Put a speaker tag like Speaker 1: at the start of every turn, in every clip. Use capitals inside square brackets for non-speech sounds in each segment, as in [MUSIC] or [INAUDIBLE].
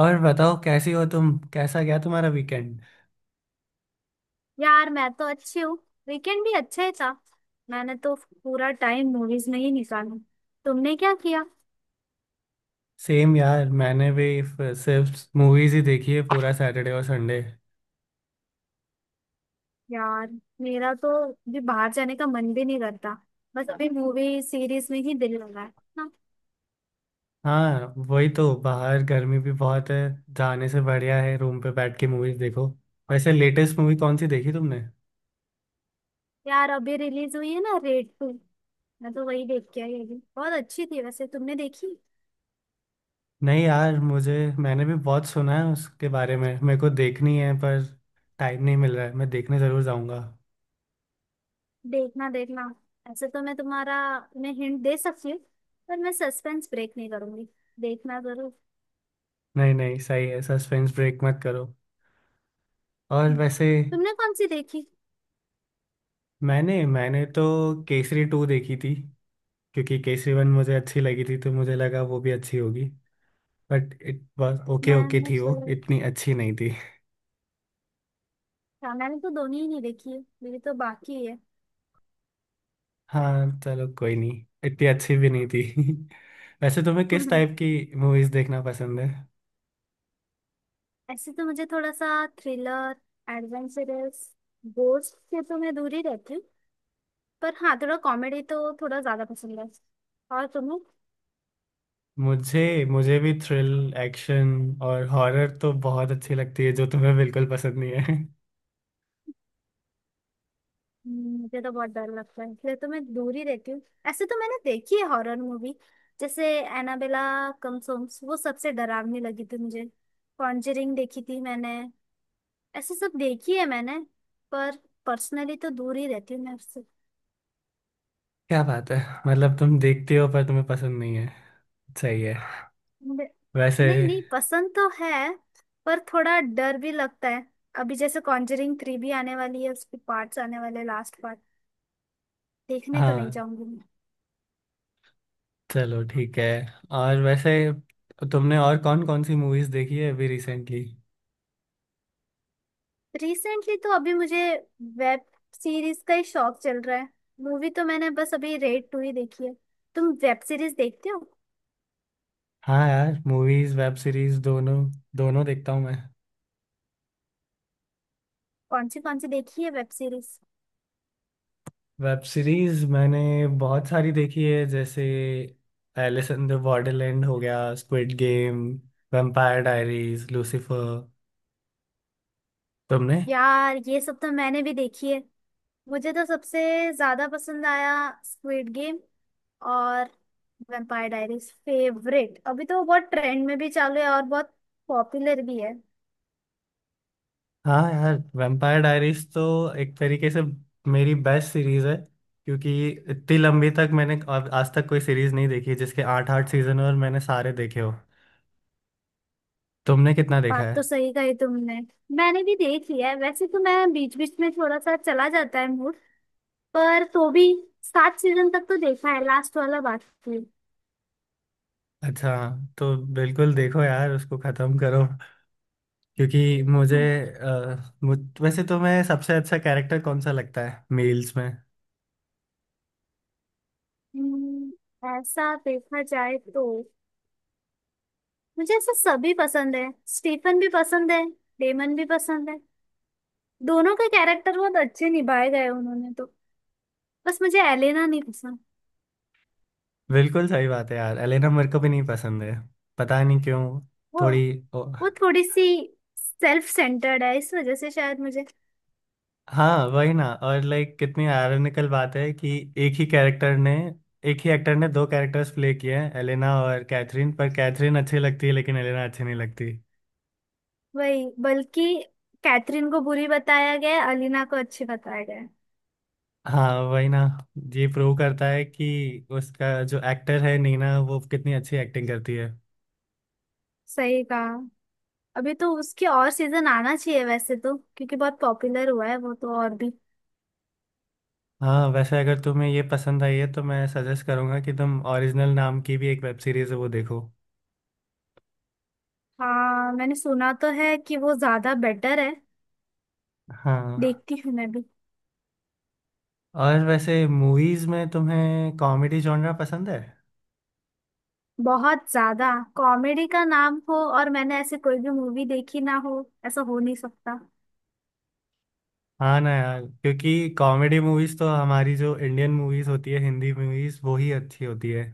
Speaker 1: और बताओ, कैसी हो तुम? कैसा गया तुम्हारा वीकेंड?
Speaker 2: यार मैं तो अच्छी हूँ। वीकेंड भी अच्छा ही था। मैंने तो पूरा टाइम मूवीज में ही निकाला। तुमने क्या किया?
Speaker 1: सेम यार। मैंने भी सिर्फ मूवीज ही देखी है, पूरा सैटरडे और संडे।
Speaker 2: यार मेरा तो भी बाहर जाने का मन भी नहीं करता। बस अभी मूवी सीरीज में ही दिल लगा है ना।
Speaker 1: हाँ वही तो, बाहर गर्मी भी बहुत है। जाने से बढ़िया है रूम पे बैठ के मूवीज देखो। वैसे लेटेस्ट मूवी कौन सी देखी तुमने?
Speaker 2: यार अभी रिलीज हुई है ना रेड टू। मैं तो वही देख के आई, अभी बहुत अच्छी थी। वैसे तुमने देखी?
Speaker 1: नहीं यार मुझे। मैंने भी बहुत सुना है उसके बारे में, मेरे को देखनी है पर टाइम नहीं मिल रहा है। मैं देखने ज़रूर जाऊंगा।
Speaker 2: देखना देखना। ऐसे तो मैं हिंट दे सकती हूँ। पर मैं सस्पेंस ब्रेक नहीं करूंगी। देखना जरूर।
Speaker 1: नहीं नहीं, सही है, सस्पेंस ब्रेक मत करो। और वैसे
Speaker 2: तुमने कौन सी देखी?
Speaker 1: मैंने मैंने तो केसरी टू देखी थी, क्योंकि केसरी वन मुझे अच्छी लगी थी तो मुझे लगा वो भी अच्छी होगी। But it was okay. Okay
Speaker 2: मैंने
Speaker 1: थी
Speaker 2: तो
Speaker 1: वो, इतनी अच्छी नहीं थी।
Speaker 2: हाँ, मैंने तो दोनों ही नहीं देखी है, मेरी तो बाकी है।
Speaker 1: हाँ चलो, कोई नहीं, इतनी अच्छी भी नहीं थी [LAUGHS] वैसे तुम्हें किस टाइप
Speaker 2: [LAUGHS]
Speaker 1: की मूवीज देखना पसंद है?
Speaker 2: ऐसे तो मुझे थोड़ा सा थ्रिलर, एडवेंचरस। गोस्ट से तो मैं दूर ही रहती हूँ। पर हाँ, थोड़ा कॉमेडी तो थोड़ा ज्यादा पसंद है। और तुम्हें?
Speaker 1: मुझे, मुझे भी थ्रिल, एक्शन और हॉरर तो बहुत अच्छी लगती है, जो तुम्हें बिल्कुल पसंद नहीं है [LAUGHS]
Speaker 2: मुझे तो बहुत डर लगता है, इसलिए तो मैं दूर ही रहती हूँ। ऐसे तो मैंने देखी है हॉरर मूवी, जैसे एनाबेला, कमसोम्स। वो सबसे डरावनी लगी थी मुझे। कॉन्जरिंग देखी थी मैंने। ऐसे सब देखी है मैंने। पर पर्सनली तो दूर ही रहती हूँ मैं उससे।
Speaker 1: क्या बात है, मतलब तुम देखते हो पर तुम्हें पसंद नहीं है। सही है।
Speaker 2: बे-
Speaker 1: वैसे।
Speaker 2: नहीं नहीं, पसंद तो है पर थोड़ा डर भी लगता है। अभी जैसे कॉन्जरिंग थ्री भी आने वाली है, उसके पार्ट्स आने वाले हैं, लास्ट पार्ट। देखने तो नहीं
Speaker 1: हाँ
Speaker 2: जाऊंगी मैं।
Speaker 1: चलो ठीक है। और वैसे तुमने और कौन कौन सी मूवीज देखी है अभी रिसेंटली?
Speaker 2: रिसेंटली तो अभी मुझे वेब सीरीज का ही शौक चल रहा है। मूवी तो मैंने बस अभी रेड टू ही देखी है। तुम वेब सीरीज देखते हो?
Speaker 1: हाँ यार, मूवीज वेब सीरीज दोनों, दोनों देखता हूँ मैं।
Speaker 2: कौन सी देखी है वेब सीरीज?
Speaker 1: वेब सीरीज मैंने बहुत सारी देखी है, जैसे एलिस इन द बॉर्डरलैंड हो गया, Squid Game, Vampire Diaries, Lucifer. तुमने?
Speaker 2: यार ये सब तो मैंने भी देखी है। मुझे तो सबसे ज्यादा पसंद आया स्क्विड गेम और वैम्पायर डायरीज फेवरेट। अभी तो बहुत ट्रेंड में भी चालू है और बहुत पॉपुलर भी है।
Speaker 1: हाँ यार, वैम्पायर डायरीज तो एक तरीके से मेरी बेस्ट सीरीज है, क्योंकि इतनी लंबी तक मैंने आज आज तक कोई सीरीज नहीं देखी है, जिसके आठ आठ सीजन और मैंने सारे देखे हो। तुमने कितना देखा
Speaker 2: बात तो
Speaker 1: है?
Speaker 2: सही कही तुमने। मैंने भी देख लिया है, वैसे तो मैं बीच बीच में थोड़ा सा चला जाता है मूड। पर तो भी 7 सीजन तक तो देखा है, लास्ट वाला बाकी।
Speaker 1: अच्छा। तो बिल्कुल देखो यार, उसको खत्म करो, क्योंकि मुझे।
Speaker 2: हम्म,
Speaker 1: वैसे तुम्हें सबसे अच्छा कैरेक्टर कौन सा लगता है मेल्स में?
Speaker 2: हम्म, ऐसा देखा जाए तो मुझे ऐसा सभी पसंद है। स्टीफन भी पसंद है, डेमन भी पसंद है। दोनों के कैरेक्टर बहुत अच्छे निभाए गए उन्होंने तो। बस मुझे एलेना नहीं पसंद।
Speaker 1: बिल्कुल सही बात है यार, एलेना मेरे को भी नहीं पसंद है, पता नहीं क्यों।
Speaker 2: वो
Speaker 1: थोड़ी। ओ,
Speaker 2: वो थोड़ी सी सेल्फ सेंटर्ड है, इस वजह से शायद मुझे।
Speaker 1: हाँ वही ना। और लाइक कितनी आयरनिकल बात है कि एक ही कैरेक्टर ने एक ही एक्टर ने दो कैरेक्टर्स प्ले किए हैं, एलेना और कैथरीन, पर कैथरीन अच्छी लगती है लेकिन एलेना अच्छी नहीं लगती।
Speaker 2: वही बल्कि कैथरीन को बुरी बताया गया है, अलीना को अच्छी बताया गया है।
Speaker 1: हाँ वही ना, ये प्रूव करता है कि उसका जो एक्टर है नीना, वो कितनी अच्छी एक्टिंग करती है।
Speaker 2: सही कहा। अभी तो उसके और सीजन आना चाहिए वैसे तो, क्योंकि बहुत पॉपुलर हुआ है वो तो और भी।
Speaker 1: हाँ, वैसे अगर तुम्हें ये पसंद आई है तो मैं सजेस्ट करूंगा कि तुम, ओरिजिनल नाम की भी एक वेब सीरीज है, वो देखो।
Speaker 2: हाँ, मैंने सुना तो है कि वो ज्यादा बेटर है।
Speaker 1: हाँ।
Speaker 2: देखती हूँ मैं भी।
Speaker 1: और वैसे मूवीज में तुम्हें कॉमेडी जॉनरा पसंद है?
Speaker 2: बहुत ज्यादा। कॉमेडी का नाम हो और मैंने ऐसे कोई भी मूवी देखी ना हो, ऐसा हो नहीं सकता।
Speaker 1: हाँ ना यार, क्योंकि कॉमेडी मूवीज तो हमारी जो इंडियन मूवीज होती है, हिंदी मूवीज, वो ही अच्छी होती है।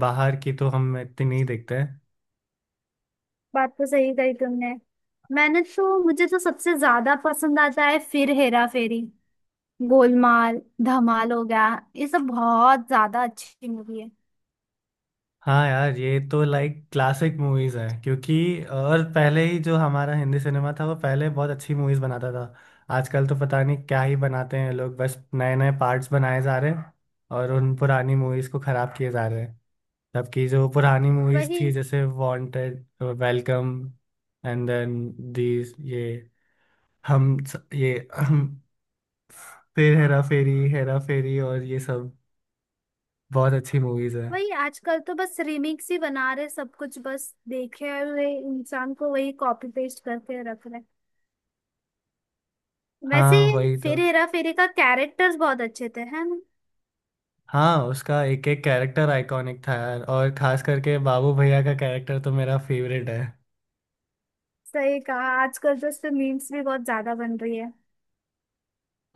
Speaker 1: बाहर की तो हम इतनी नहीं देखते हैं।
Speaker 2: बात तो सही कही तुमने। मैंने तो मुझे तो सबसे ज्यादा पसंद आता है फिर हेरा फेरी, गोलमाल, धमाल हो गया। ये सब बहुत ज्यादा अच्छी मूवी है।
Speaker 1: हाँ यार, ये तो लाइक क्लासिक मूवीज है, क्योंकि और पहले ही जो हमारा हिंदी सिनेमा था वो पहले बहुत अच्छी मूवीज बनाता था। आजकल तो पता नहीं क्या ही बनाते हैं लोग, बस नए नए पार्ट्स बनाए जा रहे हैं, और उन पुरानी मूवीज को खराब किए जा रहे हैं। जबकि जो पुरानी मूवीज
Speaker 2: वही
Speaker 1: थी, जैसे Wanted, Welcome, and then, these ये हम ये [CLEARS THROAT] फिर हेरा फेरी, हेरा फेरी और ये सब बहुत अच्छी मूवीज है।
Speaker 2: वही आजकल तो बस रिमिक्स ही बना रहे, सब कुछ बस देखे हुए इंसान को वही कॉपी पेस्ट करके रख रहे। वैसे
Speaker 1: हाँ
Speaker 2: ही
Speaker 1: वही तो।
Speaker 2: फिर हेरा फेरी का कैरेक्टर्स बहुत अच्छे थे, है ना?
Speaker 1: हाँ उसका एक एक कैरेक्टर आइकॉनिक था यार, और खास करके बाबू भैया का कैरेक्टर तो मेरा फेवरेट है।
Speaker 2: सही कहा, आजकल तो उससे मीम्स भी बहुत ज्यादा बन रही है।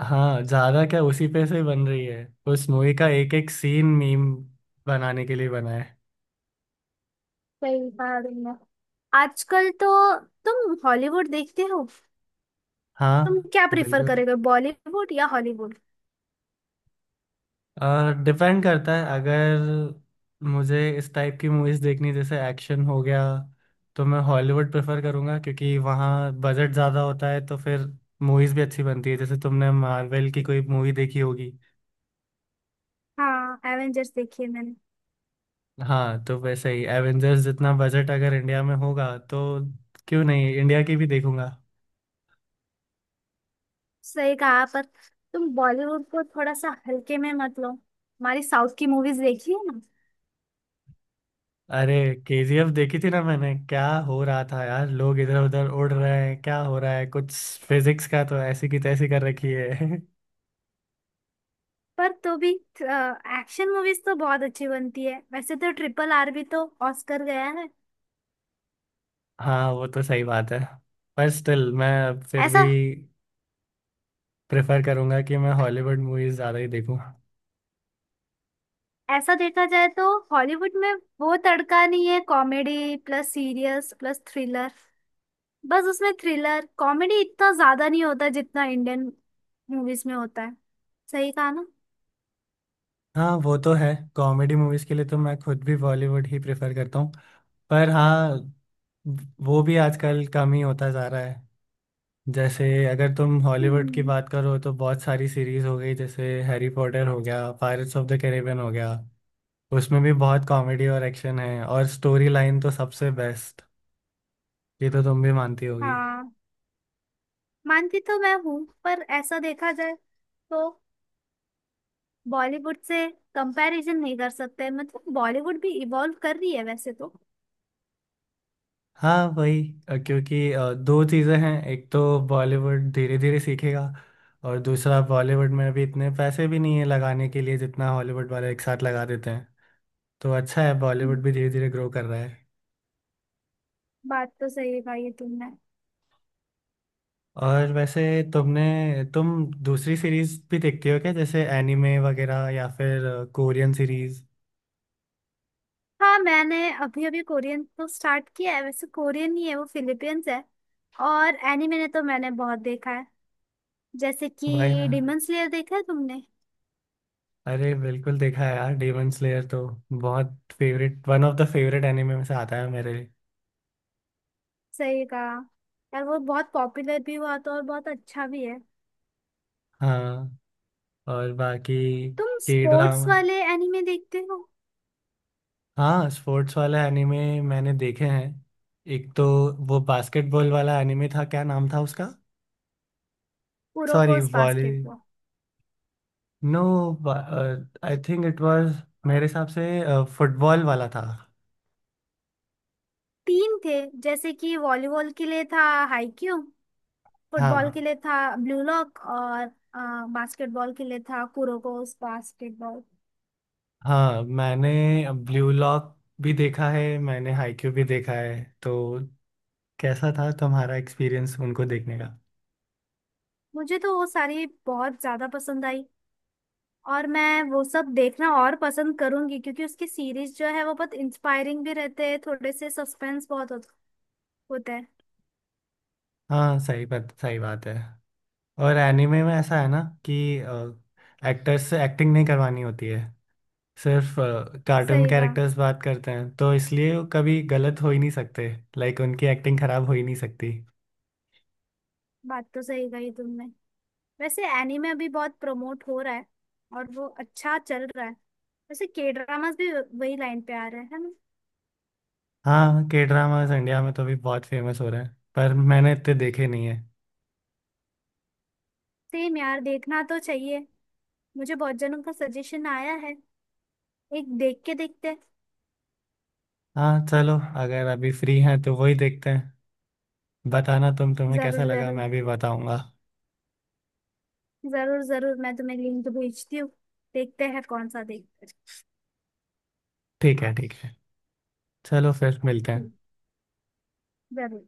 Speaker 1: हाँ ज्यादा क्या, उसी पे से बन रही है। उस मूवी का एक एक सीन मीम बनाने के लिए बना है।
Speaker 2: सही कहा तुमने। आजकल तो तुम हॉलीवुड देखते हो? तुम
Speaker 1: हाँ
Speaker 2: क्या प्रेफर
Speaker 1: बिल्कुल।
Speaker 2: करेगा, बॉलीवुड या हॉलीवुड?
Speaker 1: और डिपेंड करता है, अगर मुझे इस टाइप की मूवीज देखनी जैसे एक्शन हो गया, तो मैं हॉलीवुड प्रेफर करूँगा, क्योंकि वहाँ बजट ज़्यादा होता है तो फिर मूवीज़ भी अच्छी बनती है। जैसे तुमने मार्वल की कोई मूवी देखी होगी।
Speaker 2: हाँ एवेंजर्स देखी है मैंने।
Speaker 1: हाँ तो वैसे ही एवेंजर्स जितना बजट अगर इंडिया में होगा, तो क्यों नहीं, इंडिया की भी देखूंगा।
Speaker 2: सही कहा पर तुम बॉलीवुड को थोड़ा सा हल्के में मत लो। हमारी साउथ की मूवीज देखी है ना?
Speaker 1: अरे, केजीएफ देखी थी ना मैंने, क्या हो रहा था यार, लोग इधर उधर उड़ रहे हैं, क्या हो रहा है कुछ, फिजिक्स का तो ऐसी की तैसी कर रखी है [LAUGHS]
Speaker 2: पर तो भी एक्शन मूवीज तो बहुत अच्छी बनती है वैसे तो। RRR भी तो ऑस्कर गया है।
Speaker 1: हाँ वो तो सही बात है। पर स्टिल मैं फिर भी
Speaker 2: ऐसा
Speaker 1: प्रेफर करूंगा कि मैं हॉलीवुड मूवीज ज़्यादा ही देखूं।
Speaker 2: ऐसा देखा जाए तो हॉलीवुड में वो तड़का नहीं है, comedy plus serious plus thriller. बस उसमें थ्रिलर कॉमेडी इतना ज्यादा नहीं होता जितना इंडियन मूवीज में होता है। सही कहा ना?
Speaker 1: हाँ वो तो है, कॉमेडी मूवीज के लिए तो मैं खुद भी बॉलीवुड ही प्रेफर करता हूँ। पर हाँ, वो भी आजकल कम ही होता जा रहा है। जैसे अगर तुम हॉलीवुड की
Speaker 2: हम्म।
Speaker 1: बात करो, तो बहुत सारी सीरीज हो गई, जैसे हैरी पॉटर हो गया, पायरेट्स ऑफ द कैरिबियन हो गया, उसमें भी बहुत कॉमेडी और एक्शन है, और स्टोरी लाइन तो सबसे बेस्ट। ये तो तुम भी मानती होगी।
Speaker 2: हाँ, मानती तो मैं हूँ। पर ऐसा देखा जाए तो बॉलीवुड से कंपैरिजन नहीं कर सकते, मतलब बॉलीवुड भी इवॉल्व कर रही है वैसे तो।
Speaker 1: हाँ वही, क्योंकि दो चीज़ें हैं। एक तो बॉलीवुड धीरे धीरे सीखेगा, और दूसरा बॉलीवुड में अभी इतने पैसे भी नहीं है लगाने के लिए जितना हॉलीवुड वाले एक साथ लगा देते हैं। तो अच्छा है,
Speaker 2: हम्म,
Speaker 1: बॉलीवुड भी धीरे धीरे ग्रो कर रहा है।
Speaker 2: बात तो सही कहा ये तुमने।
Speaker 1: और वैसे तुमने, तुम दूसरी सीरीज भी देखती हो क्या, जैसे एनिमे वगैरह या फिर कोरियन सीरीज?
Speaker 2: हाँ, मैंने अभी अभी कोरियन तो स्टार्ट किया है, वैसे कोरियन ही है वो, फिलीपींस है। और एनिमे ने तो मैंने बहुत देखा है, जैसे
Speaker 1: वही
Speaker 2: कि
Speaker 1: ना।
Speaker 2: Demon slayer. देखा है तुमने?
Speaker 1: अरे बिल्कुल देखा है यार, डेमन स्लेयर तो बहुत favourite, one of the favourite anime में से आता है मेरे लिए।
Speaker 2: सही कहा। यार वो बहुत पॉपुलर भी हुआ था और बहुत अच्छा भी है।
Speaker 1: हाँ। और बाकी
Speaker 2: तुम
Speaker 1: के
Speaker 2: स्पोर्ट्स
Speaker 1: ड्रामा।
Speaker 2: वाले एनिमे देखते हो?
Speaker 1: हाँ स्पोर्ट्स वाला एनिमे मैंने देखे हैं। एक तो वो बास्केटबॉल वाला एनिमे था, क्या नाम था उसका। सॉरी
Speaker 2: उरोकोस
Speaker 1: volley,
Speaker 2: basketball.
Speaker 1: No, I think it was, मेरे हिसाब से फुटबॉल वाला था।
Speaker 2: तीन थे, जैसे कि वॉलीबॉल के लिए था हाईक्यू,
Speaker 1: हाँ
Speaker 2: फुटबॉल के लिए था ब्लू लॉक, और बास्केटबॉल के लिए था कुरोकोस बास्केटबॉल।
Speaker 1: हाँ, मैंने ब्लू लॉक भी देखा है, मैंने हाईक्यू भी देखा है। तो कैसा था तुम्हारा एक्सपीरियंस उनको देखने का?
Speaker 2: मुझे तो वो सारी बहुत ज्यादा पसंद आई और मैं वो सब देखना और पसंद करूंगी, क्योंकि उसकी सीरीज जो है वो बहुत इंस्पायरिंग भी रहते हैं, थोड़े से सस्पेंस बहुत होता है।
Speaker 1: हाँ सही बात, सही बात है। और एनिमे में ऐसा है ना कि एक्टर्स से एक्टिंग नहीं करवानी होती है, सिर्फ कार्टून
Speaker 2: सही कहा।
Speaker 1: कैरेक्टर्स बात करते हैं, तो इसलिए वो कभी गलत हो ही नहीं सकते। लाइक उनकी एक्टिंग खराब हो ही नहीं सकती।
Speaker 2: बात तो सही कही तुमने। वैसे एनीमे अभी बहुत प्रमोट हो रहा है और वो अच्छा चल रहा है। वैसे के ड्रामास भी वही लाइन पे आ रहे हैं, है ना?
Speaker 1: हाँ, के ड्रामास इंडिया में तो अभी बहुत फेमस हो रहे हैं, पर मैंने इतने देखे नहीं है।
Speaker 2: सेम यार, देखना तो चाहिए। मुझे बहुत जनों का सजेशन आया है, एक देख के देखते हैं।
Speaker 1: हाँ चलो, अगर अभी फ्री हैं तो वही देखते हैं। बताना तुम्हें कैसा
Speaker 2: जरूर
Speaker 1: लगा,
Speaker 2: जरूर।
Speaker 1: मैं भी बताऊंगा।
Speaker 2: जरूर जरूर मैं तुम्हें लिंक भेजती हूँ। देखते हैं कौन सा देखते हैं।
Speaker 1: ठीक है ठीक है, चलो फिर मिलते
Speaker 2: ठीक।
Speaker 1: हैं।
Speaker 2: जरूर।